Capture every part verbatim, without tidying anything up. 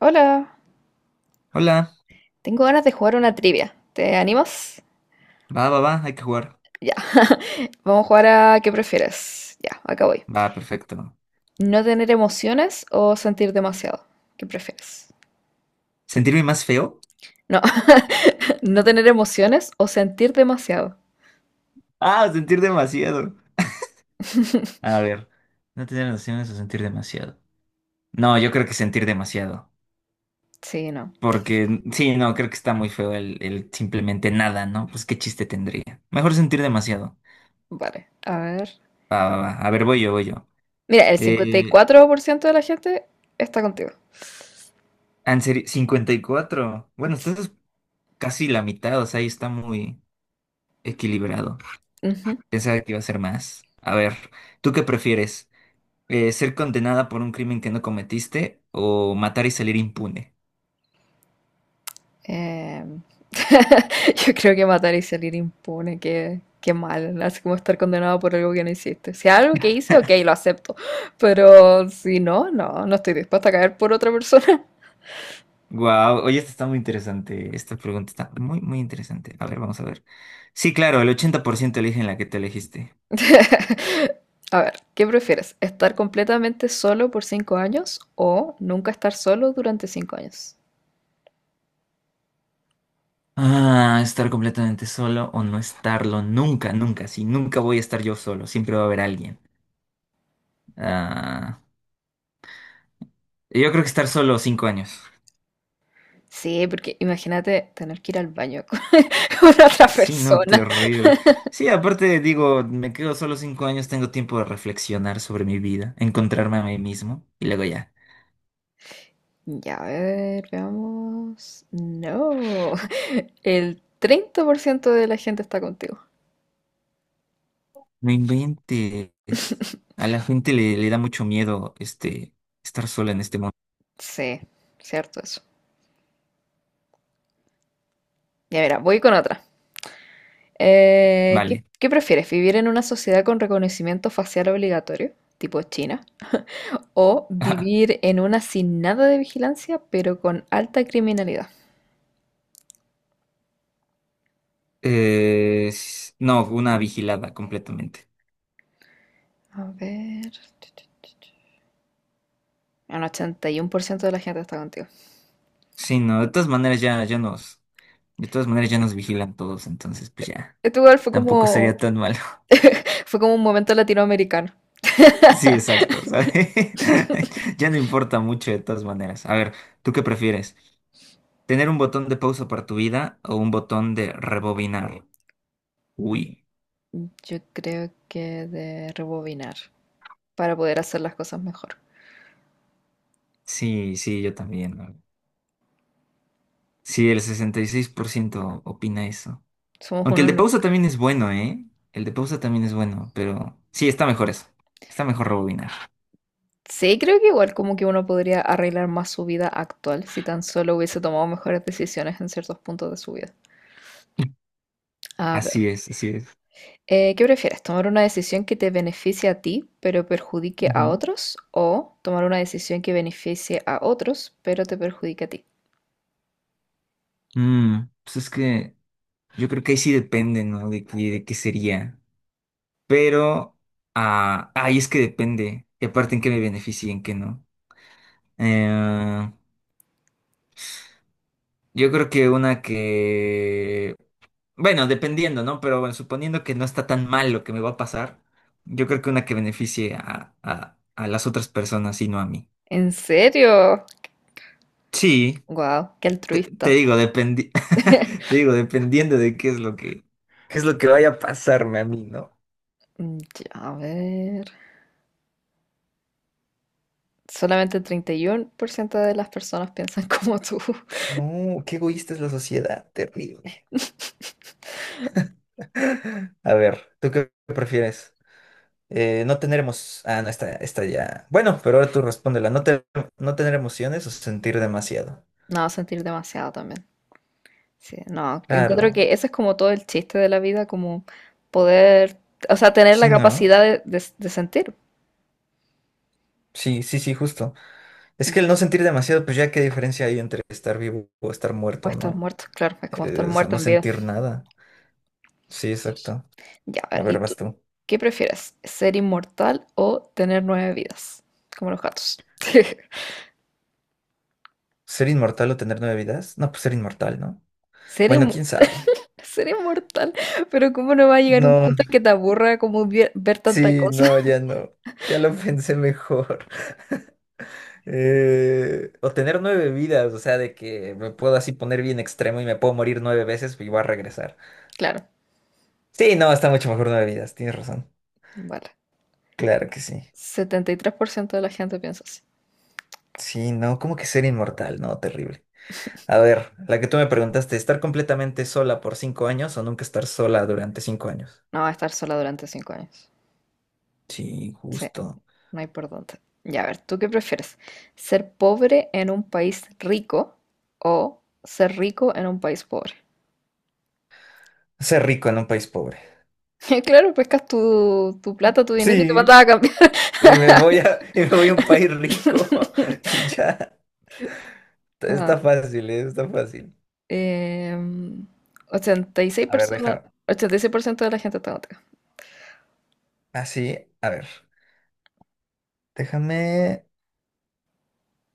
Hola, Hola, tengo ganas de jugar una trivia. ¿Te animas? va, va, va, hay que jugar. Ya. Vamos a jugar a ¿qué prefieres? Ya, acá voy. Va, perfecto. ¿No tener emociones o sentir demasiado? ¿Qué prefieres? ¿Sentirme más feo? No, no tener emociones o sentir demasiado. Ah, sentir demasiado. A ver, no tener nociones o sentir demasiado. No, yo creo que sentir demasiado. Sí, no. Porque, sí, no, creo que está muy feo el, el simplemente nada, ¿no? Pues qué chiste tendría. Mejor sentir demasiado. Vale, a ver. Va, va, va. A ver, voy yo, voy yo. Mira, el cincuenta y Eh, cuatro por ciento de la gente está contigo. en serio, cincuenta y cuatro. Bueno, estás casi la mitad, o sea, ahí está muy equilibrado. Ujú. Pensaba que iba a ser más. A ver, ¿tú qué prefieres? Eh, ser condenada por un crimen que no cometiste o matar y salir impune. Eh, yo creo que matar y salir impune, qué, qué mal, así como estar condenado por algo que no hiciste. Si algo que hice, ok, lo acepto, pero si no, no, no estoy dispuesta a caer por otra persona. Wow, oye, esta está muy interesante. Esta pregunta está muy, muy interesante. A ver, vamos a ver. Sí, claro, el ochenta por ciento eligen la que te elegiste. A ver, ¿qué prefieres? ¿Estar completamente solo por cinco años o nunca estar solo durante cinco años? Ah, estar completamente solo o no estarlo nunca, nunca. Sí, nunca voy a estar yo solo. Siempre va a haber alguien. Ah, yo creo que estar solo cinco años. Sí, porque imagínate tener que ir al baño con una otra Sí, no, persona. terrible. Sí, aparte digo, me quedo solo cinco años, tengo tiempo de reflexionar sobre mi vida, encontrarme a mí mismo y luego ya. Ya, a ver, veamos. No, el treinta por ciento de la gente está contigo. No inventes. A la gente le, le da mucho miedo este estar sola en este mundo. Sí, cierto eso. Ya, mira, voy con otra. Eh, ¿qué, Vale. qué prefieres? ¿Vivir en una sociedad con reconocimiento facial obligatorio, tipo China? ¿O vivir en una sin nada de vigilancia, pero con alta criminalidad? Eh, s- no, una vigilada completamente. A ver. Un ochenta y uno por ciento de la gente está contigo. Sí, no, de todas maneras ya, ya nos, de todas maneras ya nos vigilan todos, entonces pues ya, Esto igual fue tampoco sería como, tan malo. fue como un momento latinoamericano. Sí, exacto, ¿sabes? Ya no importa mucho de todas maneras. A ver, ¿tú qué prefieres? ¿Tener un botón de pausa para tu vida o un botón de rebobinar? Uy, Yo creo que de rebobinar para poder hacer las cosas mejor. sí, sí, yo también. Sí, el sesenta y seis por ciento opina eso. Somos Aunque el uno, de no. pausa también es bueno, ¿eh? El de pausa también es bueno, pero sí, está mejor eso. Está mejor rebobinar. Sí, creo que igual como que uno podría arreglar más su vida actual si tan solo hubiese tomado mejores decisiones en ciertos puntos de su vida. A ver, Así es, así es. eh, ¿qué prefieres? ¿Tomar una decisión que te beneficie a ti pero perjudique a Ujú. otros? ¿O tomar una decisión que beneficie a otros pero te perjudique a ti? Mm, pues es que yo creo que ahí sí depende, ¿no? De, qué- de qué sería. Pero, ah, ahí es que depende. Y aparte en qué me beneficie y en qué no. Eh, yo creo que una que... Bueno, dependiendo, ¿no? Pero bueno, suponiendo que no está tan mal lo que me va a pasar, yo creo que una que beneficie a, a- a las otras personas y no a mí. ¿En serio? Sí, ¡Wow! ¡Qué te, te altruista! digo, dependi te digo, dependiendo de qué es lo que... ¿Qué es lo que vaya a pasarme a mí, no? Mm, ya, a ver, solamente el treinta y uno por ciento de las personas piensan como tú. No, qué egoísta es la sociedad, terrible. A ver, ¿tú qué prefieres? Eh, no tener emociones. Ah, no, esta, esta ya. Bueno, pero ahora tú respóndela. ¿No, te- no tener emociones o sentir demasiado? No, sentir demasiado también. Sí, no, encuentro Claro. que ese es como todo el chiste de la vida, como poder, o sea, tener Sí, la ¿no? capacidad de, de- de sentir. Sí, sí, sí, justo. Es que el no sentir demasiado, pues ya qué diferencia hay entre estar vivo o estar O muerto, estar ¿no? muerto, claro, es como estar Eh, o sea, muerto no en vida. sentir nada. Sí, exacto. Ya, a A ver, ¿y ver, tú vas tú. qué prefieres? ¿Ser inmortal o tener nueve vidas? Como los gatos. ¿Ser inmortal o tener nueve vidas? No, pues ser inmortal, ¿no? Ser, Bueno, inmo- quién sabe. ser inmortal, pero ¿cómo no va a llegar un No, punto en que te aburra como vie- ver tanta sí, cosa? no, ya no. Ya lo pensé mejor. Eh, o tener nueve vidas, o sea, de que me puedo así poner bien extremo y me puedo morir nueve veces y voy a regresar. Claro, Sí, no, está mucho mejor nueve vidas, tienes razón. vale, Claro que sí. setenta y tres por ciento de la gente piensa así. Sí, no, como que ser inmortal, no, terrible. A ver, la que tú me preguntaste, ¿estar completamente sola por cinco años o nunca estar sola durante cinco años? No va a estar sola durante cinco años. Sí, Sí, justo. no hay por dónde. Ya, a ver, ¿tú qué prefieres? ¿Ser pobre en un país rico o ser rico en un país pobre? Ser rico en un país pobre. Claro, pescas tu, tu plata, tu dinero y te mandas Sí, a cambiar. y me voy a, y me voy a un país rico y ya. Ah, Está fácil, eh, está fácil. em, ochenta y seis A ver, personas, deja. ochenta y seis por ciento de la gente está contigo. Así, a ver. Déjame.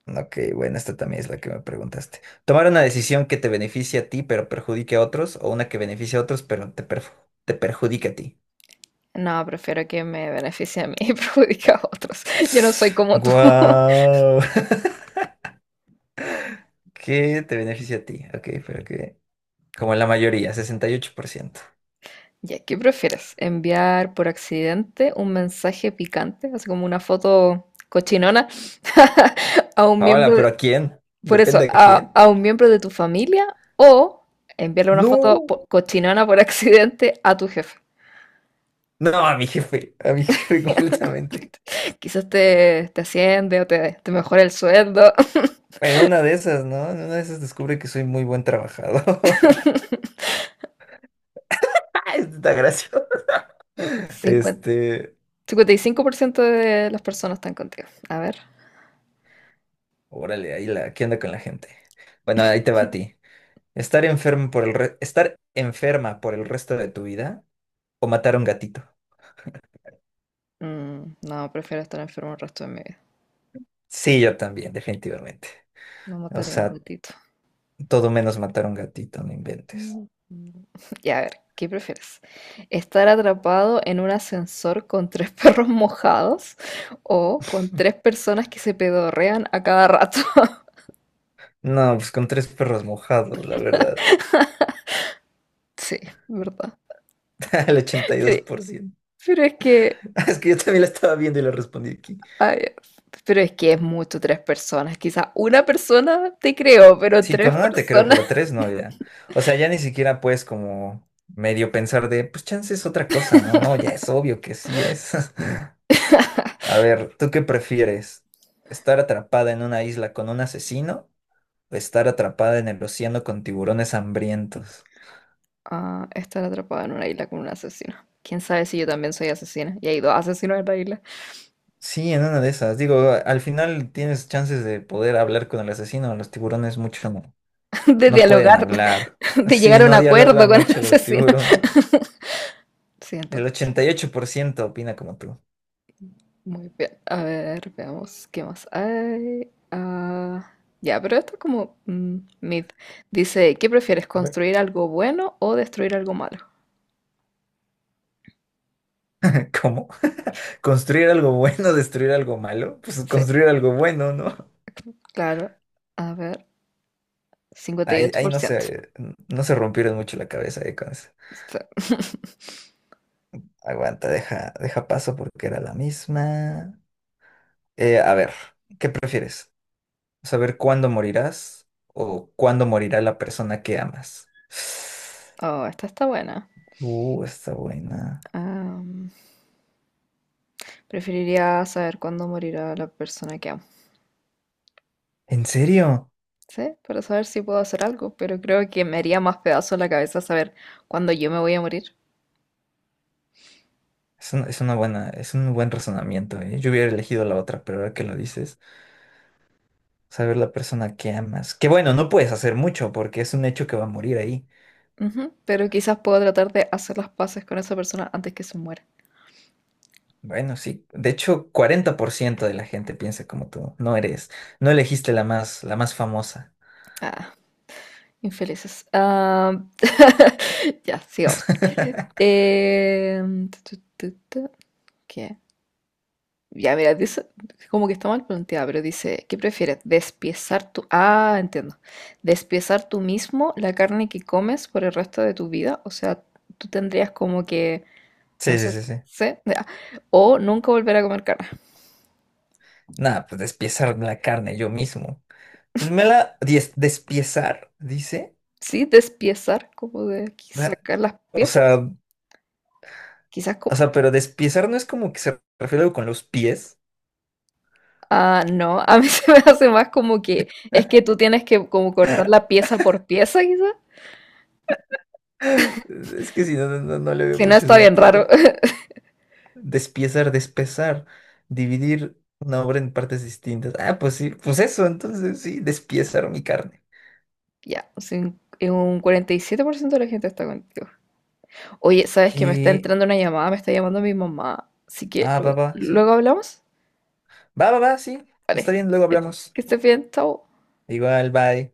Ok, bueno, esta también es la que me preguntaste. Tomar una decisión que te beneficie a ti pero perjudique a otros o una que beneficie a otros pero te, perju- te perjudique a ti. No, prefiero que me beneficie a mí y perjudique a otros. Yo no soy como tú. ¡Guau! ¿Qué te beneficia a ti? Ok, pero que... Como la mayoría, sesenta y ocho por ciento. Ya, ¿qué prefieres? ¿Enviar por accidente un mensaje picante, así como una foto cochinona, a un Hola, miembro pero de, ¿a quién? por eso, Depende a a, quién. a un miembro de tu familia o enviarle una foto No, po- cochinona por accidente a tu jefe? no, a mi jefe, a mi jefe completamente. Quizás te, te asciende o te, te mejora el sueldo. Bueno, en una de esas, ¿no? En una de esas descubre que soy muy buen trabajador. ¡Ah, esto está gracioso! Cincuenta, Este, cincuenta y cinco por ciento de las personas están contigo. A ver. órale, ahí la, ¿qué onda con la gente? Bueno, ahí te va a ti. Estar enfermo por el re- estar enferma por el resto de tu vida o matar a un gatito. Mm, no, prefiero estar enfermo el resto de mi vida. Sí, yo también, definitivamente. No O mataría a un sea, gatito. todo menos matar a un gatito, no inventes. Mm, mm. Y a ver, ¿qué prefieres? ¿Estar atrapado en un ascensor con tres perros mojados o con tres personas que se pedorrean a cada rato? No, pues con tres perros mojados, la verdad. Sí, ¿verdad? El ochenta y dos Pero, por ciento. pero es que, Es que yo también la estaba viendo y la respondí aquí. ay, pero es que es mucho tres personas. Quizá una persona te creo, pero Sí, tres con una te creo, personas. pero tres no, ya. O sea, ya ni siquiera puedes como medio pensar de, pues chance es otra cosa, ¿no? No, ya es obvio que sí es. A ver, ¿tú qué prefieres? ¿Estar atrapada en una isla con un asesino o estar atrapada en el océano con tiburones hambrientos? Ah, estar atrapado en una isla con un asesino. ¿Quién sabe si yo también soy asesina? Y hay dos asesinos en la isla. Sí, en una de esas. Digo, a- al final tienes chances de poder hablar con el asesino. Los tiburones mucho no, De no pueden dialogar, hablar. de Sí, llegar a un no acuerdo dialogan con el mucho los asesino. tiburones. El Siento. ochenta y ocho por ciento opina como tú. Muy bien. A ver, veamos qué más hay. Ah, ya, pero esto es como mm, mid. Dice, ¿qué prefieres, Ve. construir algo bueno o destruir algo malo? ¿Cómo? ¿Construir algo bueno, destruir algo malo? Pues Sí, construir algo bueno, ¿no? claro. A ver, Ahí, ahí no cincuenta y ocho por ciento. se, no se rompieron mucho la cabeza eh, con eso. Sí. Aguanta, deja, deja paso porque era la misma. Eh, a ver, ¿qué prefieres? Saber cuándo morirás o cuándo morirá la persona que amas. Oh, esta está buena. Uh, está buena. Am, preferiría saber cuándo morirá la persona que amo. ¿En serio? Sí, para saber si puedo hacer algo, pero creo que me haría más pedazo la cabeza saber cuándo yo me voy a morir. Es un- es una buena, es un buen razonamiento, ¿eh? Yo hubiera elegido la otra, pero ahora que lo dices, saber la persona que amas. Que bueno, no puedes hacer mucho porque es un hecho que va a morir ahí. Ujú, pero quizás puedo tratar de hacer las paces con esa persona antes que se muera. Bueno, sí. De hecho, cuarenta por ciento de la gente piensa como tú. No eres, no elegiste la más, la más famosa. Ah, infelices. Ah, ya, sigamos. Eh, tu, tu, tu, tu, ¿qué? Ya, mira, dice, como que está mal planteada, pero dice, ¿qué prefieres? ¿Despiezar tu... Ah, entiendo. ¿Despiezar tú mismo la carne que comes por el resto de tu vida? O sea, tú tendrías como que, no Sí, sé, sí, sí, sí. sé, ya, o nunca volver a comer carne. Nada, pues despiezar la carne yo mismo. Pues me la dies- despiezar, dice. Sí, despiezar, como de Da- sacar las O piezas. sea, Quizás, co- o sea, pero despiezar no es como que se refiere a algo con los pies. Ah, no, a mí se me hace más como que es que tú tienes que como cortar la pieza por pieza, quizá. Es que si no, no, no no le veo Si no, mucho está bien sentido. raro. Despiezar, despezar, dividir una obra en partes distintas. Ah, pues sí, pues eso, entonces sí, despiezar mi carne. Ya, cin- un cuarenta y siete por ciento de la gente está contigo. Oye, ¿sabes que me está Que. entrando una llamada? Me está llamando mi mamá. Así que Ah, va, lu- va, sí. luego hablamos. Va, va, va, sí. Está Vale, bien, luego que, hablamos. que estés bien, chao. Igual, bye.